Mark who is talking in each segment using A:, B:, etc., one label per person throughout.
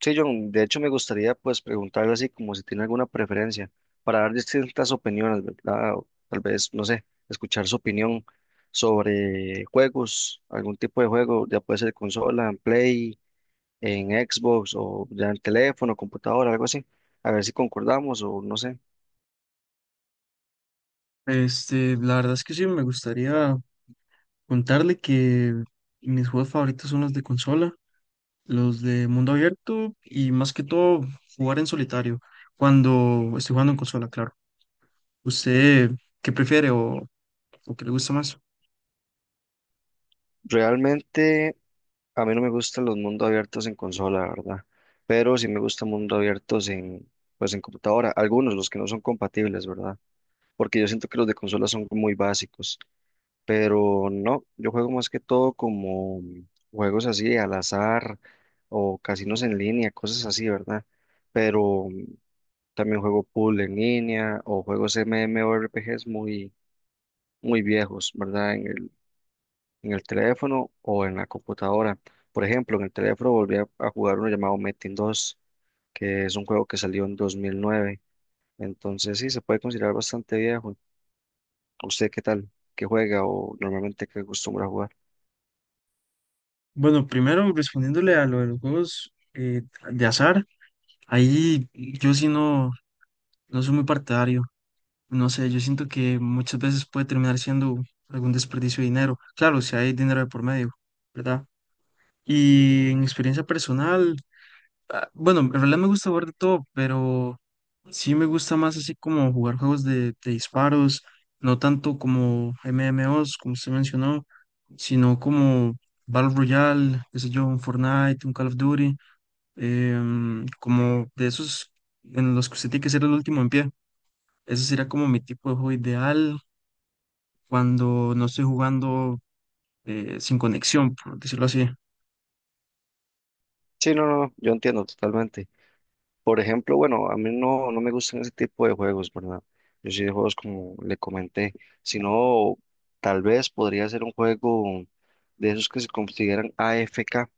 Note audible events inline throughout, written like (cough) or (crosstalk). A: Sí, John, de hecho me gustaría pues preguntarle así como si tiene alguna preferencia para dar distintas opiniones, ¿verdad? O tal vez, no sé, escuchar su opinión sobre juegos, algún tipo de juego, ya puede ser consola, en Play, en Xbox o ya en teléfono, computadora, algo así. A ver si concordamos o no sé.
B: La verdad es que sí, me gustaría contarle que mis juegos favoritos son los de consola, los de mundo abierto y más que todo jugar en solitario, cuando estoy jugando en consola, claro. ¿Usted qué prefiere o qué le gusta más?
A: Realmente a mí no me gustan los mundos abiertos en consola, ¿verdad? Pero sí me gustan mundos abiertos en pues en computadora, algunos los que no son compatibles, ¿verdad? Porque yo siento que los de consola son muy básicos, pero no, yo juego más que todo como juegos así al azar o casinos en línea, cosas así, ¿verdad? Pero también juego pool en línea o juegos MMORPGs muy, muy viejos, ¿verdad? En el teléfono o en la computadora. Por ejemplo, en el teléfono volví a jugar uno llamado Metin 2, que es un juego que salió en 2009, entonces sí, se puede considerar bastante viejo. ¿Usted qué tal? ¿Qué juega o normalmente qué acostumbra a jugar?
B: Bueno, primero respondiéndole a lo de los juegos de azar, ahí yo sí no, no soy muy partidario. No sé, yo siento que muchas veces puede terminar siendo algún desperdicio de dinero. Claro, si hay dinero de por medio, ¿verdad? Y en experiencia personal, ah, bueno, en realidad me gusta jugar de todo, pero sí me gusta más así como jugar juegos de disparos, no tanto como MMOs, como usted mencionó, sino como Battle Royale, qué sé yo, un Fortnite, un Call of Duty, como de esos en los que usted tiene que ser el último en pie. Ese sería como mi tipo de juego ideal cuando no estoy jugando sin conexión, por decirlo así.
A: Sí, no, no, no, yo entiendo totalmente. Por ejemplo, bueno, a mí no me gustan ese tipo de juegos, ¿verdad? Yo sí de juegos como le comenté, sino tal vez podría ser un juego de esos que se consideran AFK,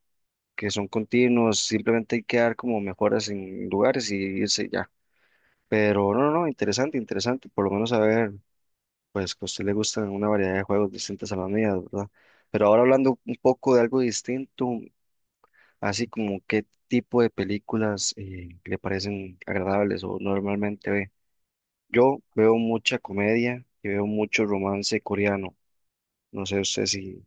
A: que son continuos, simplemente hay que dar como mejoras en lugares y irse ya. Pero no, no, no, interesante, interesante, por lo menos saber. Pues que a usted le gustan una variedad de juegos distintas a las mías, ¿verdad? Pero ahora hablando un poco de algo distinto, así como qué tipo de películas le parecen agradables o normalmente ve. Yo veo mucha comedia y veo mucho romance coreano. No sé usted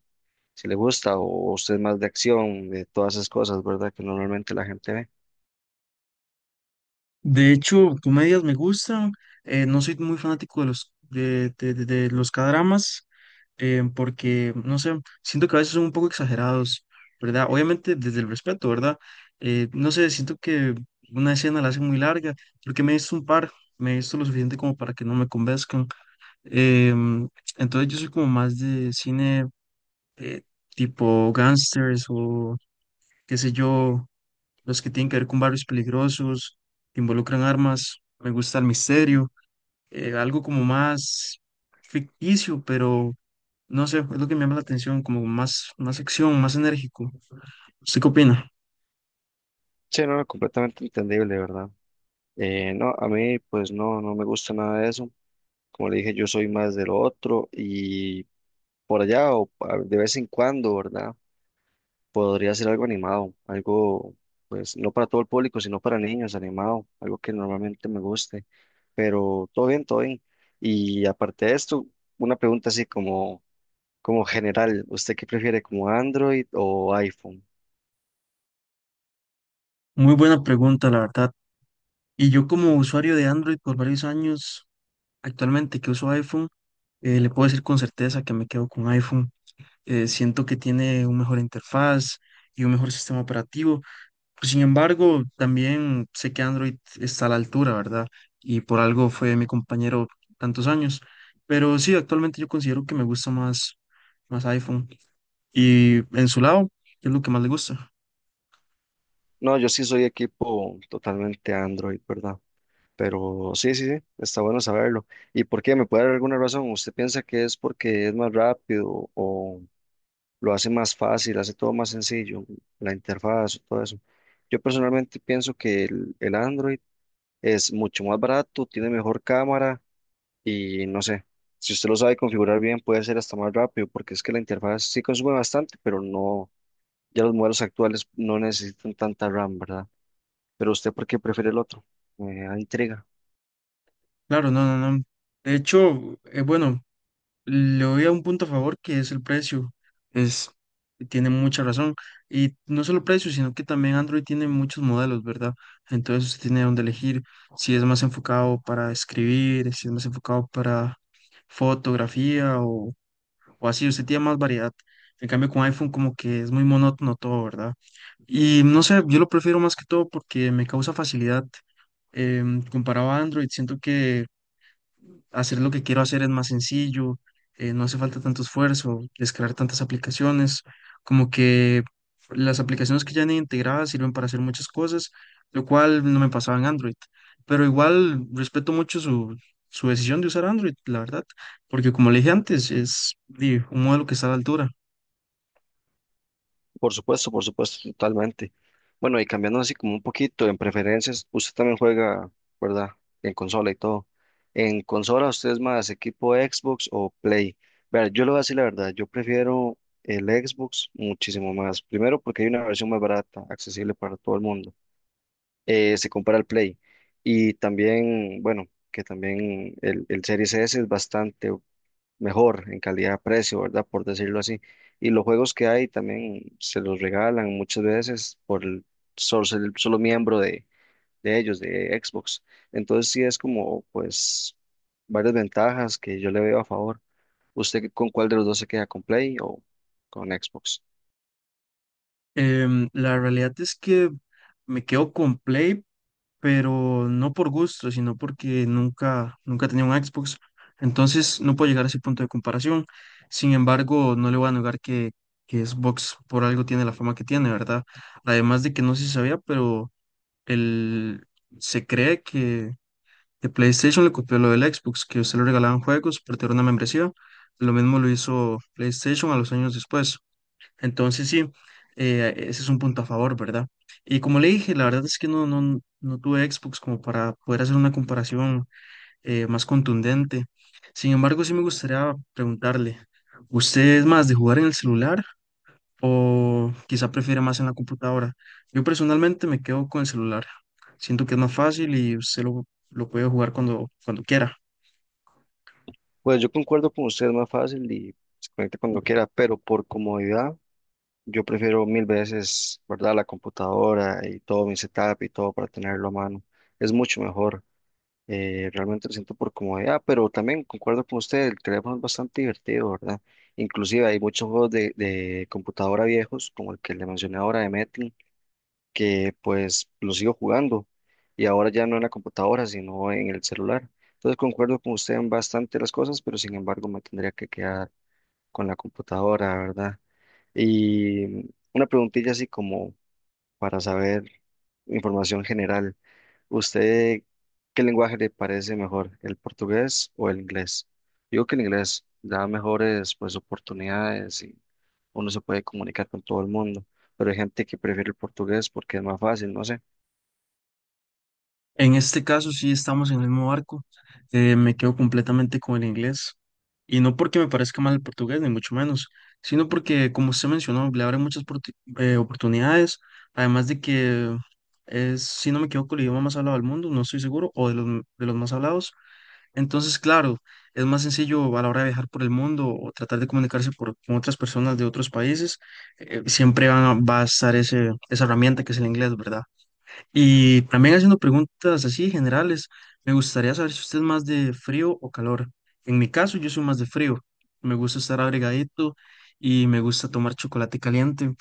A: si le gusta o usted es más de acción, de todas esas cosas, ¿verdad? Que normalmente la gente ve.
B: De hecho, comedias me gustan. No soy muy fanático de los de los K-dramas porque, no sé, siento que a veces son un poco exagerados, ¿verdad? Obviamente desde el respeto, ¿verdad? No sé, siento que una escena la hacen muy larga porque me he visto un par, me he visto lo suficiente como para que no me convenzcan. em, entonces yo soy como más de cine eh, tipo gangsters o qué sé yo, los que tienen que ver con barrios peligrosos, que involucran armas. Me gusta el misterio, algo como más ficticio, pero no sé, es lo que me llama la atención, como más, más acción, más enérgico. ¿Usted qué opina?
A: Sí, no, no, completamente entendible, ¿verdad? No, a mí pues no me gusta nada de eso. Como le dije, yo soy más del otro y por allá o de vez en cuando, ¿verdad? Podría ser algo animado, algo, pues, no para todo el público, sino para niños, animado, algo que normalmente me guste. Pero todo bien, todo bien. Y aparte de esto, una pregunta así como general, ¿usted qué prefiere, como Android o iPhone?
B: Muy buena pregunta, la verdad. Y yo como usuario de Android por varios años, actualmente que uso iPhone, le puedo decir con certeza que me quedo con iPhone. Siento que tiene una mejor interfaz y un mejor sistema operativo. Sin embargo, también sé que Android está a la altura, ¿verdad? Y por algo fue mi compañero tantos años. Pero sí, actualmente yo considero que me gusta más, más iPhone. Y en su lado, ¿qué es lo que más le gusta?
A: No, yo sí soy equipo totalmente Android, ¿verdad? Pero sí, sí, sí, está bueno saberlo. ¿Y por qué? ¿Me puede dar alguna razón? ¿Usted piensa que es porque es más rápido o lo hace más fácil, hace todo más sencillo, la interfaz, todo eso? Yo personalmente pienso que el Android es mucho más barato, tiene mejor cámara y no sé, si usted lo sabe configurar bien puede ser hasta más rápido, porque es que la interfaz sí consume bastante, pero no, ya los modelos actuales no necesitan tanta RAM, ¿verdad? Pero usted, ¿por qué prefiere el otro? Me da intriga.
B: Claro, no, no, no. De hecho, bueno, le doy a un punto a favor que es el precio. Es, tiene mucha razón. Y no solo precio, sino que también Android tiene muchos modelos, ¿verdad? Entonces usted tiene donde elegir si es más enfocado para escribir, si es más enfocado para fotografía o así. Usted tiene más variedad. En cambio, con iPhone como que es muy monótono todo, ¿verdad? Y no sé, yo lo prefiero más que todo porque me causa facilidad comparado a Android, siento que hacer lo que quiero hacer es más sencillo, no hace falta tanto esfuerzo, descargar tantas aplicaciones, como que las aplicaciones que ya han integradas sirven para hacer muchas cosas, lo cual no me pasaba en Android, pero igual respeto mucho su, su decisión de usar Android, la verdad, porque como le dije antes, es di, un modelo que está a la altura.
A: Por supuesto, totalmente. Bueno, y cambiando así como un poquito en preferencias, usted también juega, ¿verdad? En consola y todo. En consola, ¿usted es más equipo Xbox o Play? Ver, yo le voy a decir la verdad, yo prefiero el Xbox muchísimo más. Primero porque hay una versión más barata, accesible para todo el mundo. Se compara al Play. Y también, bueno, que también el Series S es bastante mejor en calidad-precio, ¿verdad? Por decirlo así. Y los juegos que hay también se los regalan muchas veces por el solo, ser el solo miembro de ellos, de Xbox. Entonces sí es como, pues, varias ventajas que yo le veo a favor. ¿Usted con cuál de los dos se queda, con Play o con Xbox?
B: La realidad es que me quedo con Play pero no por gusto, sino porque nunca, nunca tenía un Xbox. Entonces no puedo llegar a ese punto de comparación. Sin embargo, no le voy a negar que Xbox por algo tiene la fama que tiene, ¿verdad? Además de que no sé si sabía, pero el, se cree que PlayStation le copió lo del Xbox, que usted le regalaban juegos, pero tenía una membresía. Lo mismo lo hizo PlayStation a los años después. Entonces sí, ese es un punto a favor, ¿verdad? Y como le dije, la verdad es que no, no, no tuve Xbox como para poder hacer una comparación más contundente. Sin embargo, sí me gustaría preguntarle, ¿usted es más de jugar en el celular o quizá prefiere más en la computadora? Yo personalmente me quedo con el celular. Siento que es más fácil y usted lo puede jugar cuando, cuando quiera.
A: Pues yo concuerdo con usted, es más fácil y se conecta cuando quiera, pero por comodidad yo prefiero mil veces, ¿verdad? La computadora y todo mi setup y todo para tenerlo a mano. Es mucho mejor. Realmente lo siento por comodidad, pero también concuerdo con usted, el teléfono es bastante divertido, ¿verdad? Inclusive hay muchos juegos de computadora viejos, como el que le mencioné ahora de Metin, que pues lo sigo jugando y ahora ya no en la computadora, sino en el celular. Entonces concuerdo con usted en bastante las cosas, pero sin embargo me tendría que quedar con la computadora, ¿verdad? Y una preguntilla así como para saber información general. ¿Usted qué lenguaje le parece mejor, el portugués o el inglés? Digo que el inglés da mejores pues oportunidades y uno se puede comunicar con todo el mundo, pero hay gente que prefiere el portugués porque es más fácil, no sé.
B: En este caso sí estamos en el mismo barco. Me quedo completamente con el inglés. Y no porque me parezca mal el portugués, ni mucho menos, sino porque, como usted mencionó, le abre muchas oportunidades. Además de que es, si no me equivoco, el idioma más hablado del mundo, no estoy seguro, o de los, de los más hablados. Entonces, claro, es más sencillo a la hora de viajar por el mundo o tratar de comunicarse por, con otras personas de otros países. Siempre va a estar ese, esa herramienta que es el inglés, ¿verdad? Y también haciendo preguntas así generales, me gustaría saber si usted es más de frío o calor. En mi caso, yo soy más de frío. Me gusta estar abrigadito y me gusta tomar chocolate caliente.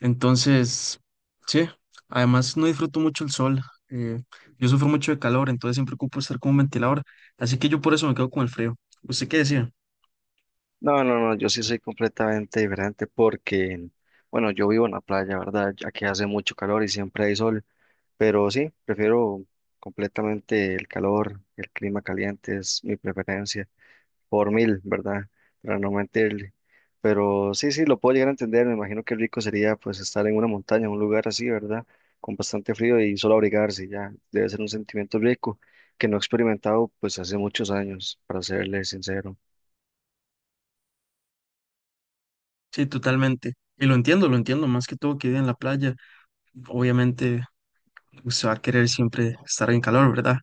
B: Entonces, sí, además no disfruto mucho el sol. eh, yo sufro mucho de calor, entonces siempre ocupo estar con un ventilador. Así que yo por eso me quedo con el frío. ¿Usted qué decía?
A: No, no, no, yo sí soy completamente diferente porque, bueno, yo vivo en la playa, ¿verdad? Aquí hace mucho calor y siempre hay sol, pero sí, prefiero completamente el calor, el clima caliente es mi preferencia. Por mil, ¿verdad? Para no mentirle. Pero sí, sí, lo puedo llegar a entender. Me imagino que rico sería pues estar en una montaña, en un lugar así, ¿verdad? Con bastante frío y solo abrigarse, ya. Debe ser un sentimiento rico que no he experimentado pues hace muchos años, para serle sincero.
B: Sí, totalmente. Y lo entiendo, lo entiendo. Más que todo que vive en la playa, obviamente usted va a querer siempre estar en calor, ¿verdad?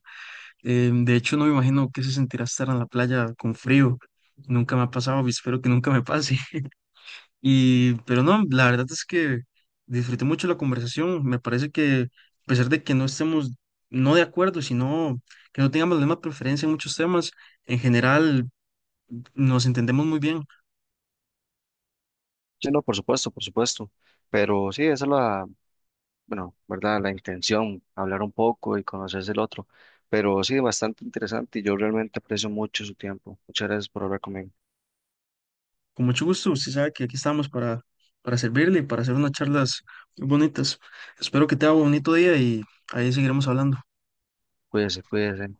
B: De hecho, no me imagino qué se sentirá estar en la playa con frío. Nunca me ha pasado y espero que nunca me pase. (laughs) Y, pero no, la verdad es que disfruté mucho la conversación. Me parece que a pesar de que no estemos no de acuerdo, sino que no tengamos la misma preferencia en muchos temas, en general nos entendemos muy bien.
A: Sí, no, por supuesto, por supuesto. Pero sí, esa es la, bueno, ¿verdad? La intención, hablar un poco y conocerse el otro. Pero sí, bastante interesante y yo realmente aprecio mucho su tiempo. Muchas gracias por hablar conmigo.
B: Con mucho gusto, usted sabe que aquí estamos para servirle y para hacer unas charlas muy bonitas. Espero que te haga un bonito día y ahí seguiremos hablando.
A: Cuídese, cuídese.